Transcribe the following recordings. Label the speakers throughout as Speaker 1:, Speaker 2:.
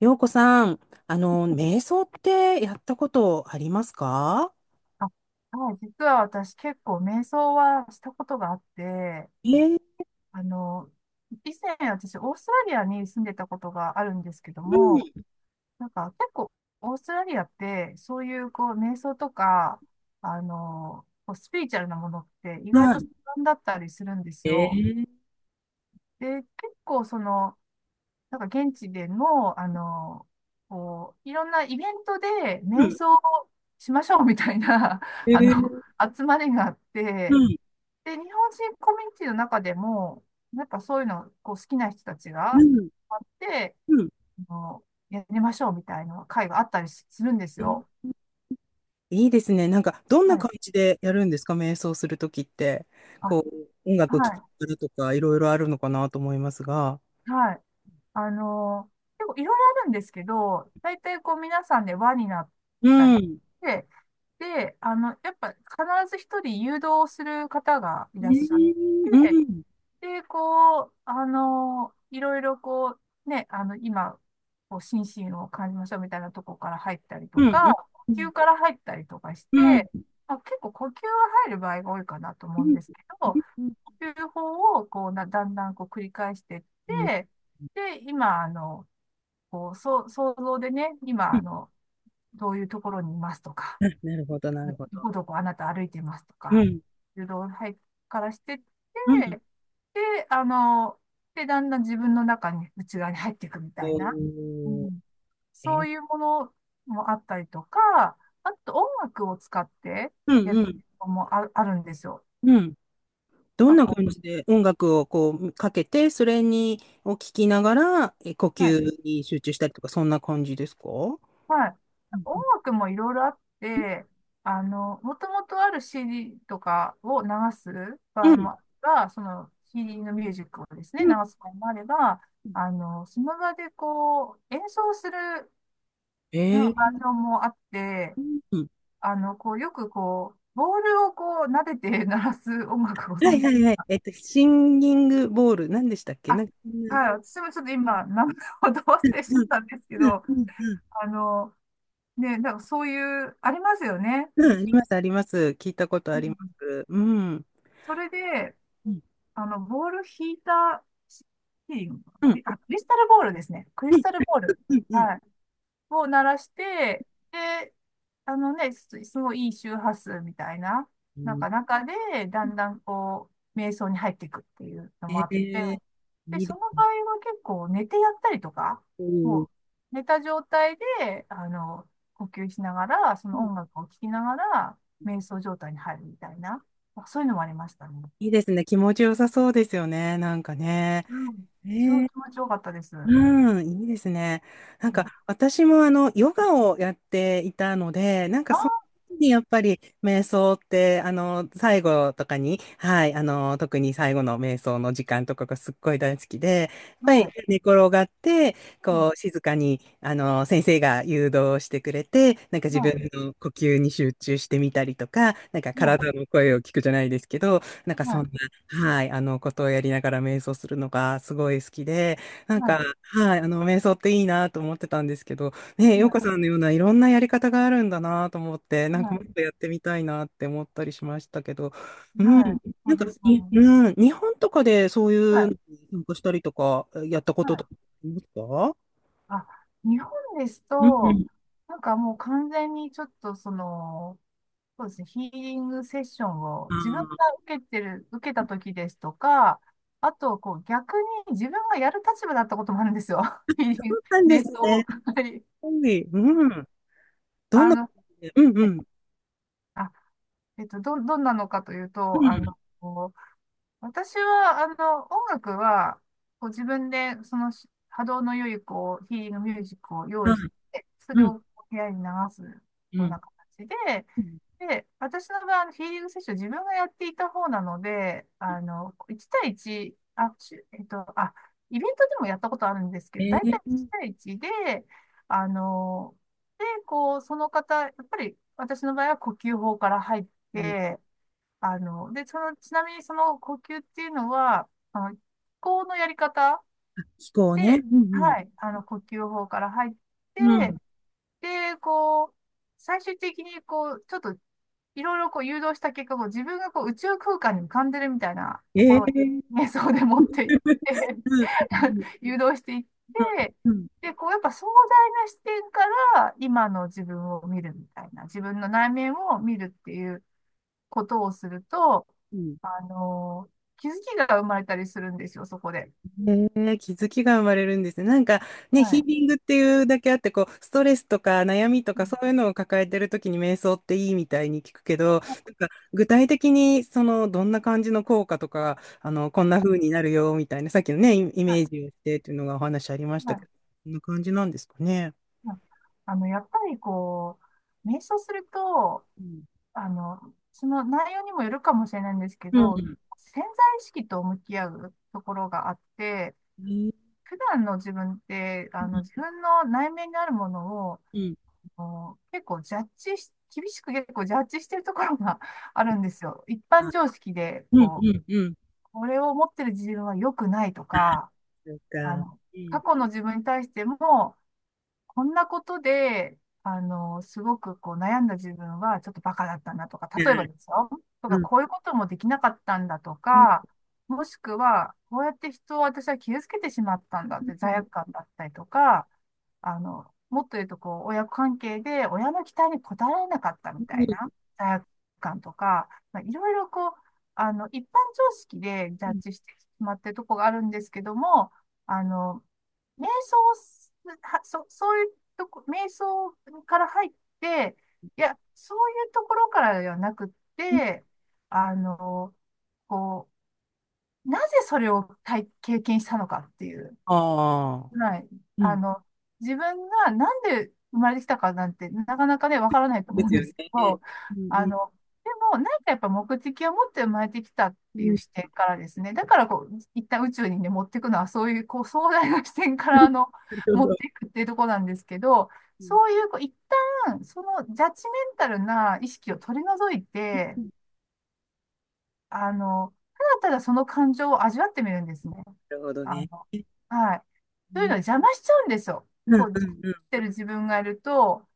Speaker 1: 陽子さん、瞑想ってやったことありますか？
Speaker 2: あはい、実は私結構瞑想はしたことがあって、
Speaker 1: えー。
Speaker 2: あの、以前私オーストラリアに住んでたことがあるんですけど
Speaker 1: う
Speaker 2: も、
Speaker 1: ん。
Speaker 2: なんか結構オーストラリアってそういうこう瞑想とか、こうスピリチュアルなものって意外と盛んだったりするんです
Speaker 1: え
Speaker 2: よ。
Speaker 1: ー。
Speaker 2: で、結構その、なんか現地での、こう、いろんなイベントで
Speaker 1: う
Speaker 2: 瞑
Speaker 1: ん。
Speaker 2: 想をしましょうみたいな、
Speaker 1: え
Speaker 2: あの、
Speaker 1: ー。
Speaker 2: 集まりがあって、
Speaker 1: うん。
Speaker 2: で、日本人コミュニティの中でも、やっぱそういうのこう好きな人たち
Speaker 1: う
Speaker 2: が
Speaker 1: ん。
Speaker 2: あって、
Speaker 1: うん。
Speaker 2: あの、やりましょうみたいな会があったりするんです
Speaker 1: えー
Speaker 2: よ。
Speaker 1: いいですね。なんか、どんな
Speaker 2: はい。
Speaker 1: 感じでやるんですか、瞑想するときって。
Speaker 2: あ、
Speaker 1: こう、音楽聴き
Speaker 2: は
Speaker 1: ながらとか、いろいろあるのかなと思いますが。
Speaker 2: い。はい。あの、結構いろいろあるんですけど、大体こう皆さんで輪になっ
Speaker 1: う
Speaker 2: たり
Speaker 1: ん。う
Speaker 2: し
Speaker 1: ん。
Speaker 2: て、で、やっぱ必ず一人誘導する方がい
Speaker 1: う
Speaker 2: らっしゃっ
Speaker 1: ん。
Speaker 2: て、
Speaker 1: うん。
Speaker 2: で、こう、いろいろこう、ね、今、こう、心身を感じましょうみたいなとこから入ったりと
Speaker 1: うん。う
Speaker 2: か、
Speaker 1: ん。
Speaker 2: 呼
Speaker 1: う
Speaker 2: 吸から入ったりとかして、
Speaker 1: ん。
Speaker 2: まあ、結構呼吸が入る場合が多いかなと思うんですけ
Speaker 1: う
Speaker 2: ど、
Speaker 1: ん。
Speaker 2: 呼吸法をこうな、だんだんこう繰り返していっ
Speaker 1: うん。
Speaker 2: て、で、今、こう、そう、想像でね、今、どういうところにいますとか、
Speaker 1: なるほど、なるほ
Speaker 2: ど
Speaker 1: ど。
Speaker 2: こどこあなた歩いてますと
Speaker 1: う
Speaker 2: か、
Speaker 1: ん。
Speaker 2: 誘導はからしてっ
Speaker 1: うん。
Speaker 2: て、で、だんだん自分の中に、内側に入っていくみたい
Speaker 1: お
Speaker 2: な、う
Speaker 1: ー。
Speaker 2: ん、そ
Speaker 1: え。
Speaker 2: ういうものもあったりとか、あと音楽を使って
Speaker 1: う
Speaker 2: や
Speaker 1: ん。
Speaker 2: る
Speaker 1: うん。
Speaker 2: のもあるんですよ。
Speaker 1: うん。ど
Speaker 2: な
Speaker 1: ん
Speaker 2: んか
Speaker 1: な
Speaker 2: こ
Speaker 1: 感じで音楽をこうかけて、それにを聞きながら、呼
Speaker 2: う、はい
Speaker 1: 吸に集中したりとか、そんな感じですか？う
Speaker 2: はい。音
Speaker 1: ん。
Speaker 2: 楽もいろいろあって、もともとある CD とかを流す
Speaker 1: う
Speaker 2: 場合
Speaker 1: ん。
Speaker 2: もあれば、その CD のミュージックをですね、
Speaker 1: う
Speaker 2: 流
Speaker 1: ん。
Speaker 2: す場合もあれば、その場でこう、演奏するまあバー
Speaker 1: え
Speaker 2: ジ
Speaker 1: え。
Speaker 2: ョンもあって、
Speaker 1: うん。
Speaker 2: こう、よくこう、ボールをこう、撫でて鳴らす音楽をご
Speaker 1: は
Speaker 2: 存
Speaker 1: いは
Speaker 2: 知、
Speaker 1: いはい。シンギングボール、何でしたっけ、な
Speaker 2: あ、
Speaker 1: んか。うん。
Speaker 2: はい、私もちょっと今、名前をど忘れしち
Speaker 1: う
Speaker 2: ゃっ
Speaker 1: ん。
Speaker 2: たんですけ
Speaker 1: うん。
Speaker 2: ど、
Speaker 1: うん。うん。
Speaker 2: あの、ね、なんかそういう、ありますよね。
Speaker 1: うん。あります、あります。聞いたこと
Speaker 2: う
Speaker 1: ありま
Speaker 2: ん、
Speaker 1: す。うん。うん。
Speaker 2: それで、
Speaker 1: うん。
Speaker 2: ボール引いた、ヒーリンかな
Speaker 1: う
Speaker 2: ク
Speaker 1: ん。
Speaker 2: リ、あ、クリスタルボールですね。クリ
Speaker 1: う
Speaker 2: ス
Speaker 1: ん。
Speaker 2: タルボール。
Speaker 1: うん。
Speaker 2: はい。を鳴らして、で、ね、すごいいい周波数みたいな、
Speaker 1: う
Speaker 2: なん
Speaker 1: ん。
Speaker 2: か中で、だんだんこう、瞑想に入っていくっていうのもあ
Speaker 1: え
Speaker 2: って、
Speaker 1: ー
Speaker 2: で、
Speaker 1: いいで
Speaker 2: その場
Speaker 1: す。
Speaker 2: 合は結構寝てやったりとか、
Speaker 1: うん。
Speaker 2: もう寝た状態で、呼吸しながら、その音楽を聴きながら、瞑想状態に入るみたいな、まあそういうのもありましたね。
Speaker 1: いいですね。気持ちよさそうですよね。なんかね。
Speaker 2: うん。すご
Speaker 1: え
Speaker 2: い
Speaker 1: え。
Speaker 2: 気持ちよかったです。うん。
Speaker 1: うん、いいですね。なんか、私もヨガをやっていたので、なんか、その
Speaker 2: あ
Speaker 1: 時にやっぱり、瞑想って、最後とかに、はい、特に最後の瞑想の時間とかがすっごい大好きで、やっ
Speaker 2: あ、
Speaker 1: ぱり
Speaker 2: はい。
Speaker 1: 寝転がって、
Speaker 2: うん。
Speaker 1: こう、静かに、先生が誘導してくれて、なんか自分
Speaker 2: は
Speaker 1: の呼吸に集中してみたりとか、なんか
Speaker 2: い。は
Speaker 1: 体
Speaker 2: い。
Speaker 1: の声を聞くじゃないですけど、なんかそん
Speaker 2: は
Speaker 1: な、はい、ことをやりながら瞑想するのがすごい好きで、なんか、
Speaker 2: い。
Speaker 1: はい、瞑想っていいなと思ってたんですけど、ね、洋
Speaker 2: はい。
Speaker 1: 子さんのようないろんなやり方があるんだなと思って、なん
Speaker 2: はい。
Speaker 1: か
Speaker 2: は
Speaker 1: もっ
Speaker 2: い。
Speaker 1: とやってみたいなって思ったりしましたけど、うん、
Speaker 2: はい、そ
Speaker 1: なん
Speaker 2: う
Speaker 1: か、
Speaker 2: ですよ
Speaker 1: に、
Speaker 2: ね。
Speaker 1: うん、日本とかでそうい
Speaker 2: は
Speaker 1: うの
Speaker 2: い。
Speaker 1: に参加したりとか、やったこ
Speaker 2: は
Speaker 1: ととかあ
Speaker 2: い。
Speaker 1: りますか？
Speaker 2: あ、日本です
Speaker 1: う
Speaker 2: と、
Speaker 1: ん。
Speaker 2: なんかもう完全にちょっとその、そうですね、ヒーリングセッションを
Speaker 1: あ
Speaker 2: 自分が
Speaker 1: あ、
Speaker 2: 受けた時ですとか、あと、こう逆に自分がやる立場だったこともあるんですよ。ヒー
Speaker 1: そ
Speaker 2: リング、
Speaker 1: うなんで
Speaker 2: 瞑
Speaker 1: す
Speaker 2: 想
Speaker 1: ね。
Speaker 2: を。はい。
Speaker 1: コンビ、うん。どん
Speaker 2: あ
Speaker 1: な、
Speaker 2: の、
Speaker 1: うん、
Speaker 2: は
Speaker 1: う
Speaker 2: い。
Speaker 1: ん、
Speaker 2: あ、どんなのかという
Speaker 1: う
Speaker 2: と、
Speaker 1: ん、
Speaker 2: 私は、音楽は、こう自分で、その波動の良い、こう、ヒーリングミュージックを用
Speaker 1: は
Speaker 2: 意
Speaker 1: い、
Speaker 2: して、それ
Speaker 1: うん、
Speaker 2: を部屋に流すよ
Speaker 1: う
Speaker 2: う
Speaker 1: ん。
Speaker 2: な形で、
Speaker 1: うん、
Speaker 2: で、私の場合、ヒーリングセッション自分がやっていた方なので、1対1、あ、しゅえっと、あ、イベントでもやったことあるんですけ
Speaker 1: え
Speaker 2: ど、大
Speaker 1: ー、
Speaker 2: 体1対1で、あの、こう、その方、やっぱり私の場合は呼吸法から入っ
Speaker 1: うん、
Speaker 2: て、あの、で、その、ちなみにその呼吸っていうのは、気候のやり方
Speaker 1: 飛行ね。う
Speaker 2: で、
Speaker 1: ん。
Speaker 2: はい、呼吸法から入っ
Speaker 1: うん。う
Speaker 2: て、
Speaker 1: ん。
Speaker 2: で、こう、最終的に、こう、ちょっと、いろいろこう誘導した結果、こう自分がこう宇宙空間に浮かんでるみたいなとこ
Speaker 1: え
Speaker 2: ろを
Speaker 1: ー、
Speaker 2: 瞑想 で持っていって
Speaker 1: うん、うん、
Speaker 2: 誘導していって、
Speaker 1: うん。
Speaker 2: で、こう、やっぱ壮大な視点から、今の自分を見るみたいな、自分の内面を見るっていうことをすると、
Speaker 1: うん。
Speaker 2: あの、気づきが生まれたりするんですよ、そこで。
Speaker 1: へえ、気づきが生まれるんですね。なんかね、
Speaker 2: は
Speaker 1: ヒー
Speaker 2: い。
Speaker 1: リングっていうだけあって、こう、ストレスとか悩みと
Speaker 2: う
Speaker 1: か
Speaker 2: ん、
Speaker 1: そういうのを抱えてるときに瞑想っていいみたいに聞くけど、なんか具体的にその、どんな感じの効果とか、こんな風になるよみたいな、さっきのね、イイ
Speaker 2: はい、
Speaker 1: メージをしてっていうのがお話ありました
Speaker 2: はい、
Speaker 1: けど、こんな感じなんですかね？
Speaker 2: はい。やっぱりこう、瞑想すると、
Speaker 1: うん。
Speaker 2: あの、その内容にもよるかもしれないんですけ
Speaker 1: う
Speaker 2: ど、
Speaker 1: ん。
Speaker 2: 潜在意識と向き合うところがあって、
Speaker 1: うん。
Speaker 2: 普段の自分って、自分の内面にあるものを、
Speaker 1: うん。
Speaker 2: 結構ジャッジし、厳しく結構ジャッジしてるところが あるんですよ。一
Speaker 1: あ、
Speaker 2: 般常識で、
Speaker 1: うん。
Speaker 2: こ
Speaker 1: う
Speaker 2: う、
Speaker 1: ん。うん。
Speaker 2: これを持ってる自分は良くないと
Speaker 1: あ、
Speaker 2: か、
Speaker 1: そう
Speaker 2: あ
Speaker 1: か。
Speaker 2: の、
Speaker 1: う
Speaker 2: 過
Speaker 1: ん。
Speaker 2: 去の自分に対しても、こんなことで、すごくこう悩んだ自分はちょっとバカだったんだとか、
Speaker 1: う
Speaker 2: 例えば
Speaker 1: ん。
Speaker 2: ですよ。と
Speaker 1: う
Speaker 2: か、
Speaker 1: ん。
Speaker 2: こういうこともできなかったんだと
Speaker 1: うん。
Speaker 2: か、もしくは、こうやって人を私は傷つけてしまったんだって罪悪感だったりとか、もっと言うとこう、親子関係で親の期待に応えられなかった
Speaker 1: う
Speaker 2: みたいな
Speaker 1: ん。
Speaker 2: 罪悪感とか、まあ、いろいろこう、一般常識でジ
Speaker 1: う
Speaker 2: ャッ
Speaker 1: ん。
Speaker 2: ジしてしまってるとこがあるんですけども、あの、瞑想をす、は、そ、そういうとこ、瞑想から入って、いや、そういうところからではなくって、あの、こう、なぜそれを経験したのかっていう。
Speaker 1: ああ、
Speaker 2: はい。
Speaker 1: う
Speaker 2: あ
Speaker 1: ん。
Speaker 2: の、自分がなんで生まれてきたかなんて、なかなかね、わからないと
Speaker 1: で
Speaker 2: 思う
Speaker 1: す
Speaker 2: ん
Speaker 1: よ
Speaker 2: ですけ
Speaker 1: ね。
Speaker 2: ど、
Speaker 1: うん。う
Speaker 2: あ
Speaker 1: ん。
Speaker 2: の、でも、何かやっぱ目的を持って生まれてきたっ
Speaker 1: う
Speaker 2: ていう
Speaker 1: ん。
Speaker 2: 視点からですね、だからこう、一旦宇宙にね、持っていくのは、そういう、こう、壮大な視点 か
Speaker 1: な
Speaker 2: ら、
Speaker 1: るほ
Speaker 2: 持
Speaker 1: ど。
Speaker 2: っていくっていうところなんですけど、
Speaker 1: うん。
Speaker 2: そういう、こう、一旦、そのジャッジメンタルな意識を取り除い
Speaker 1: う
Speaker 2: て、
Speaker 1: ん。
Speaker 2: あの、ただただその感情を味わってみるんですね。
Speaker 1: なるほど
Speaker 2: あ
Speaker 1: ね。
Speaker 2: の、
Speaker 1: う
Speaker 2: はい。というの
Speaker 1: ん。
Speaker 2: は邪魔しちゃうんですよ。
Speaker 1: うん。
Speaker 2: こう、
Speaker 1: う
Speaker 2: 邪魔
Speaker 1: ん。うん。
Speaker 2: してる自分がいると、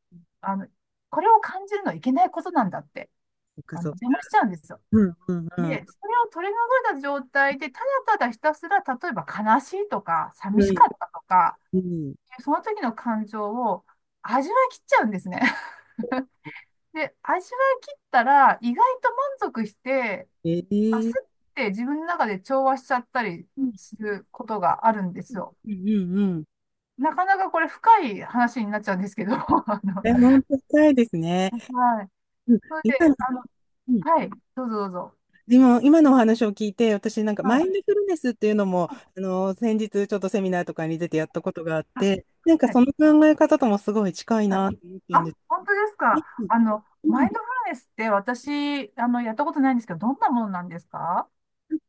Speaker 2: あの、これを感じるのはいけないことなんだって、
Speaker 1: そっかそっか。
Speaker 2: 邪魔しちゃうんですよ。
Speaker 1: うん。う
Speaker 2: で、
Speaker 1: ん。
Speaker 2: それを取り除いた状態で、ただただひたすら、例えば悲しいとか、寂
Speaker 1: う
Speaker 2: し
Speaker 1: ん。
Speaker 2: かったとか、
Speaker 1: うん。うん。
Speaker 2: その時の感情を味わい切っちゃうんですね。で、味わい切ったら、意外と満足して、
Speaker 1: ええ。うん。うん。うん。うん。え、本当深いですね。うん、今の、うん、今のお話を聞いて、私なんかマインドフルネスっていうのも、先日ちょっとセミナーとかに出てやったことがあって、なんかその考え方ともすごい近いなと思ったんです。うん。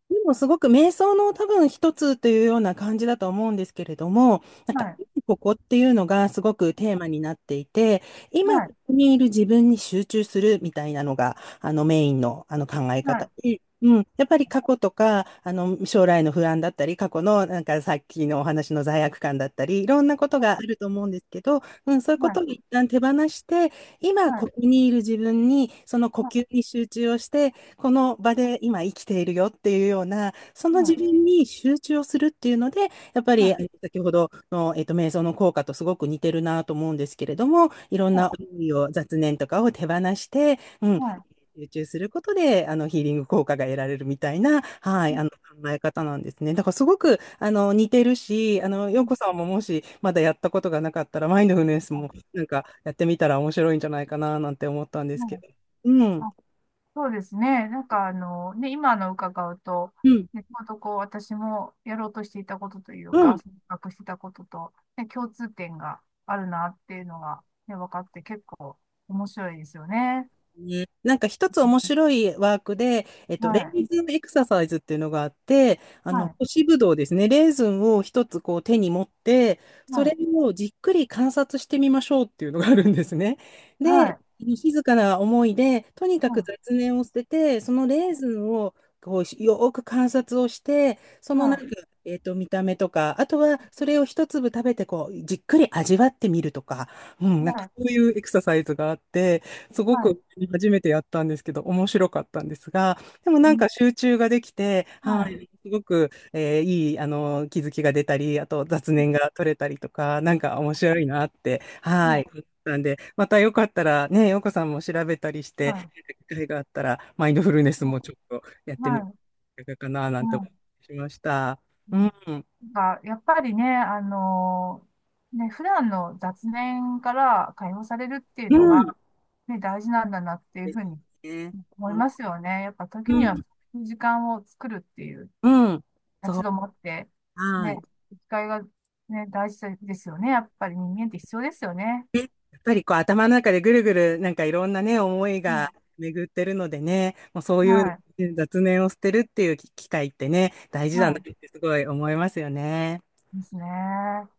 Speaker 1: でもすごく瞑想の多分一つというような感じだと思うんですけれども、なんか今ここっていうのがすごくテーマになっていて、今ここにいる自分に集中するみたいなのがメインの、考え方で、うん、やっぱり過去とか将来の不安だったり、過去のなんかさっきのお話の罪悪感だったり、いろんなことがあると思うんですけど、うん、そういうことを一旦手放して、今ここにいる自分にその呼吸に集中をして、この場で今生きているよっていうような、その自分に集中をするっていうので、やっぱり先ほどの、瞑想の効果とすごく似てるなと思うんですけれども、いろんな思いを、雑念とかを手放して、うん、集中することで、ヒーリング効果が得られるみたいな、はい、考え方なんですね。だからすごく、似てるし、洋子さんももしまだやったことがなかったら、マインドフルネスもなんかやってみたら面白いんじゃないかな、なんて思ったんですけど。うん。うん。うん。ね、なんか一つ面白いワークで、レーズンエクササイズっていうのがあって、干しぶどうですね、レーズンを一つこう手に持って、それをじっくり観察してみましょうっていうのがあるんですね。で、静かな思いで、とにかく雑念を捨てて、そのレーズンをこうよーく観察をして、そのなんか、見た目とか、あとはそれを一粒食べてこう、じっくり味わってみるとか、うん、なんかそういうエクササイズがあって、すごく初めてやったんですけど、面白かったんですが、でもなんか集中ができて、はい、すごく、いい、気づきが出たり、あと雑念が取れたりとか、なんか面白いなって、はい、思ったんで、またよかったらね、ようこさんも調べたりして、機会があったら、マインドフルネスもちょっとやってみるかな、なんて思いました。
Speaker 2: う
Speaker 1: う
Speaker 2: ん、
Speaker 1: ん。
Speaker 2: なんか、やっぱりね、ね、普段の雑念から解放されるっていう
Speaker 1: う
Speaker 2: の
Speaker 1: ん。
Speaker 2: が、ね、大事なんだなっていう
Speaker 1: で
Speaker 2: ふうに
Speaker 1: すね。
Speaker 2: 思いますよね。やっぱ
Speaker 1: う
Speaker 2: 時にはそ
Speaker 1: ん。
Speaker 2: ういう時間を作るっていう
Speaker 1: うん。そ
Speaker 2: 立ち
Speaker 1: う。
Speaker 2: 止まって、
Speaker 1: はい。
Speaker 2: ね、機会が、ね、大事ですよね。やっぱり人間って必要ですよね。
Speaker 1: ね、やっぱりこう頭の中でぐるぐるなんかいろんなね、思い
Speaker 2: う
Speaker 1: が
Speaker 2: ん、
Speaker 1: 巡ってるのでね、もうそうい
Speaker 2: は
Speaker 1: う
Speaker 2: い、
Speaker 1: 雑念を捨てるっていう機会ってね、大事だなっ
Speaker 2: は
Speaker 1: てすごい思いますよね。
Speaker 2: い、ですね。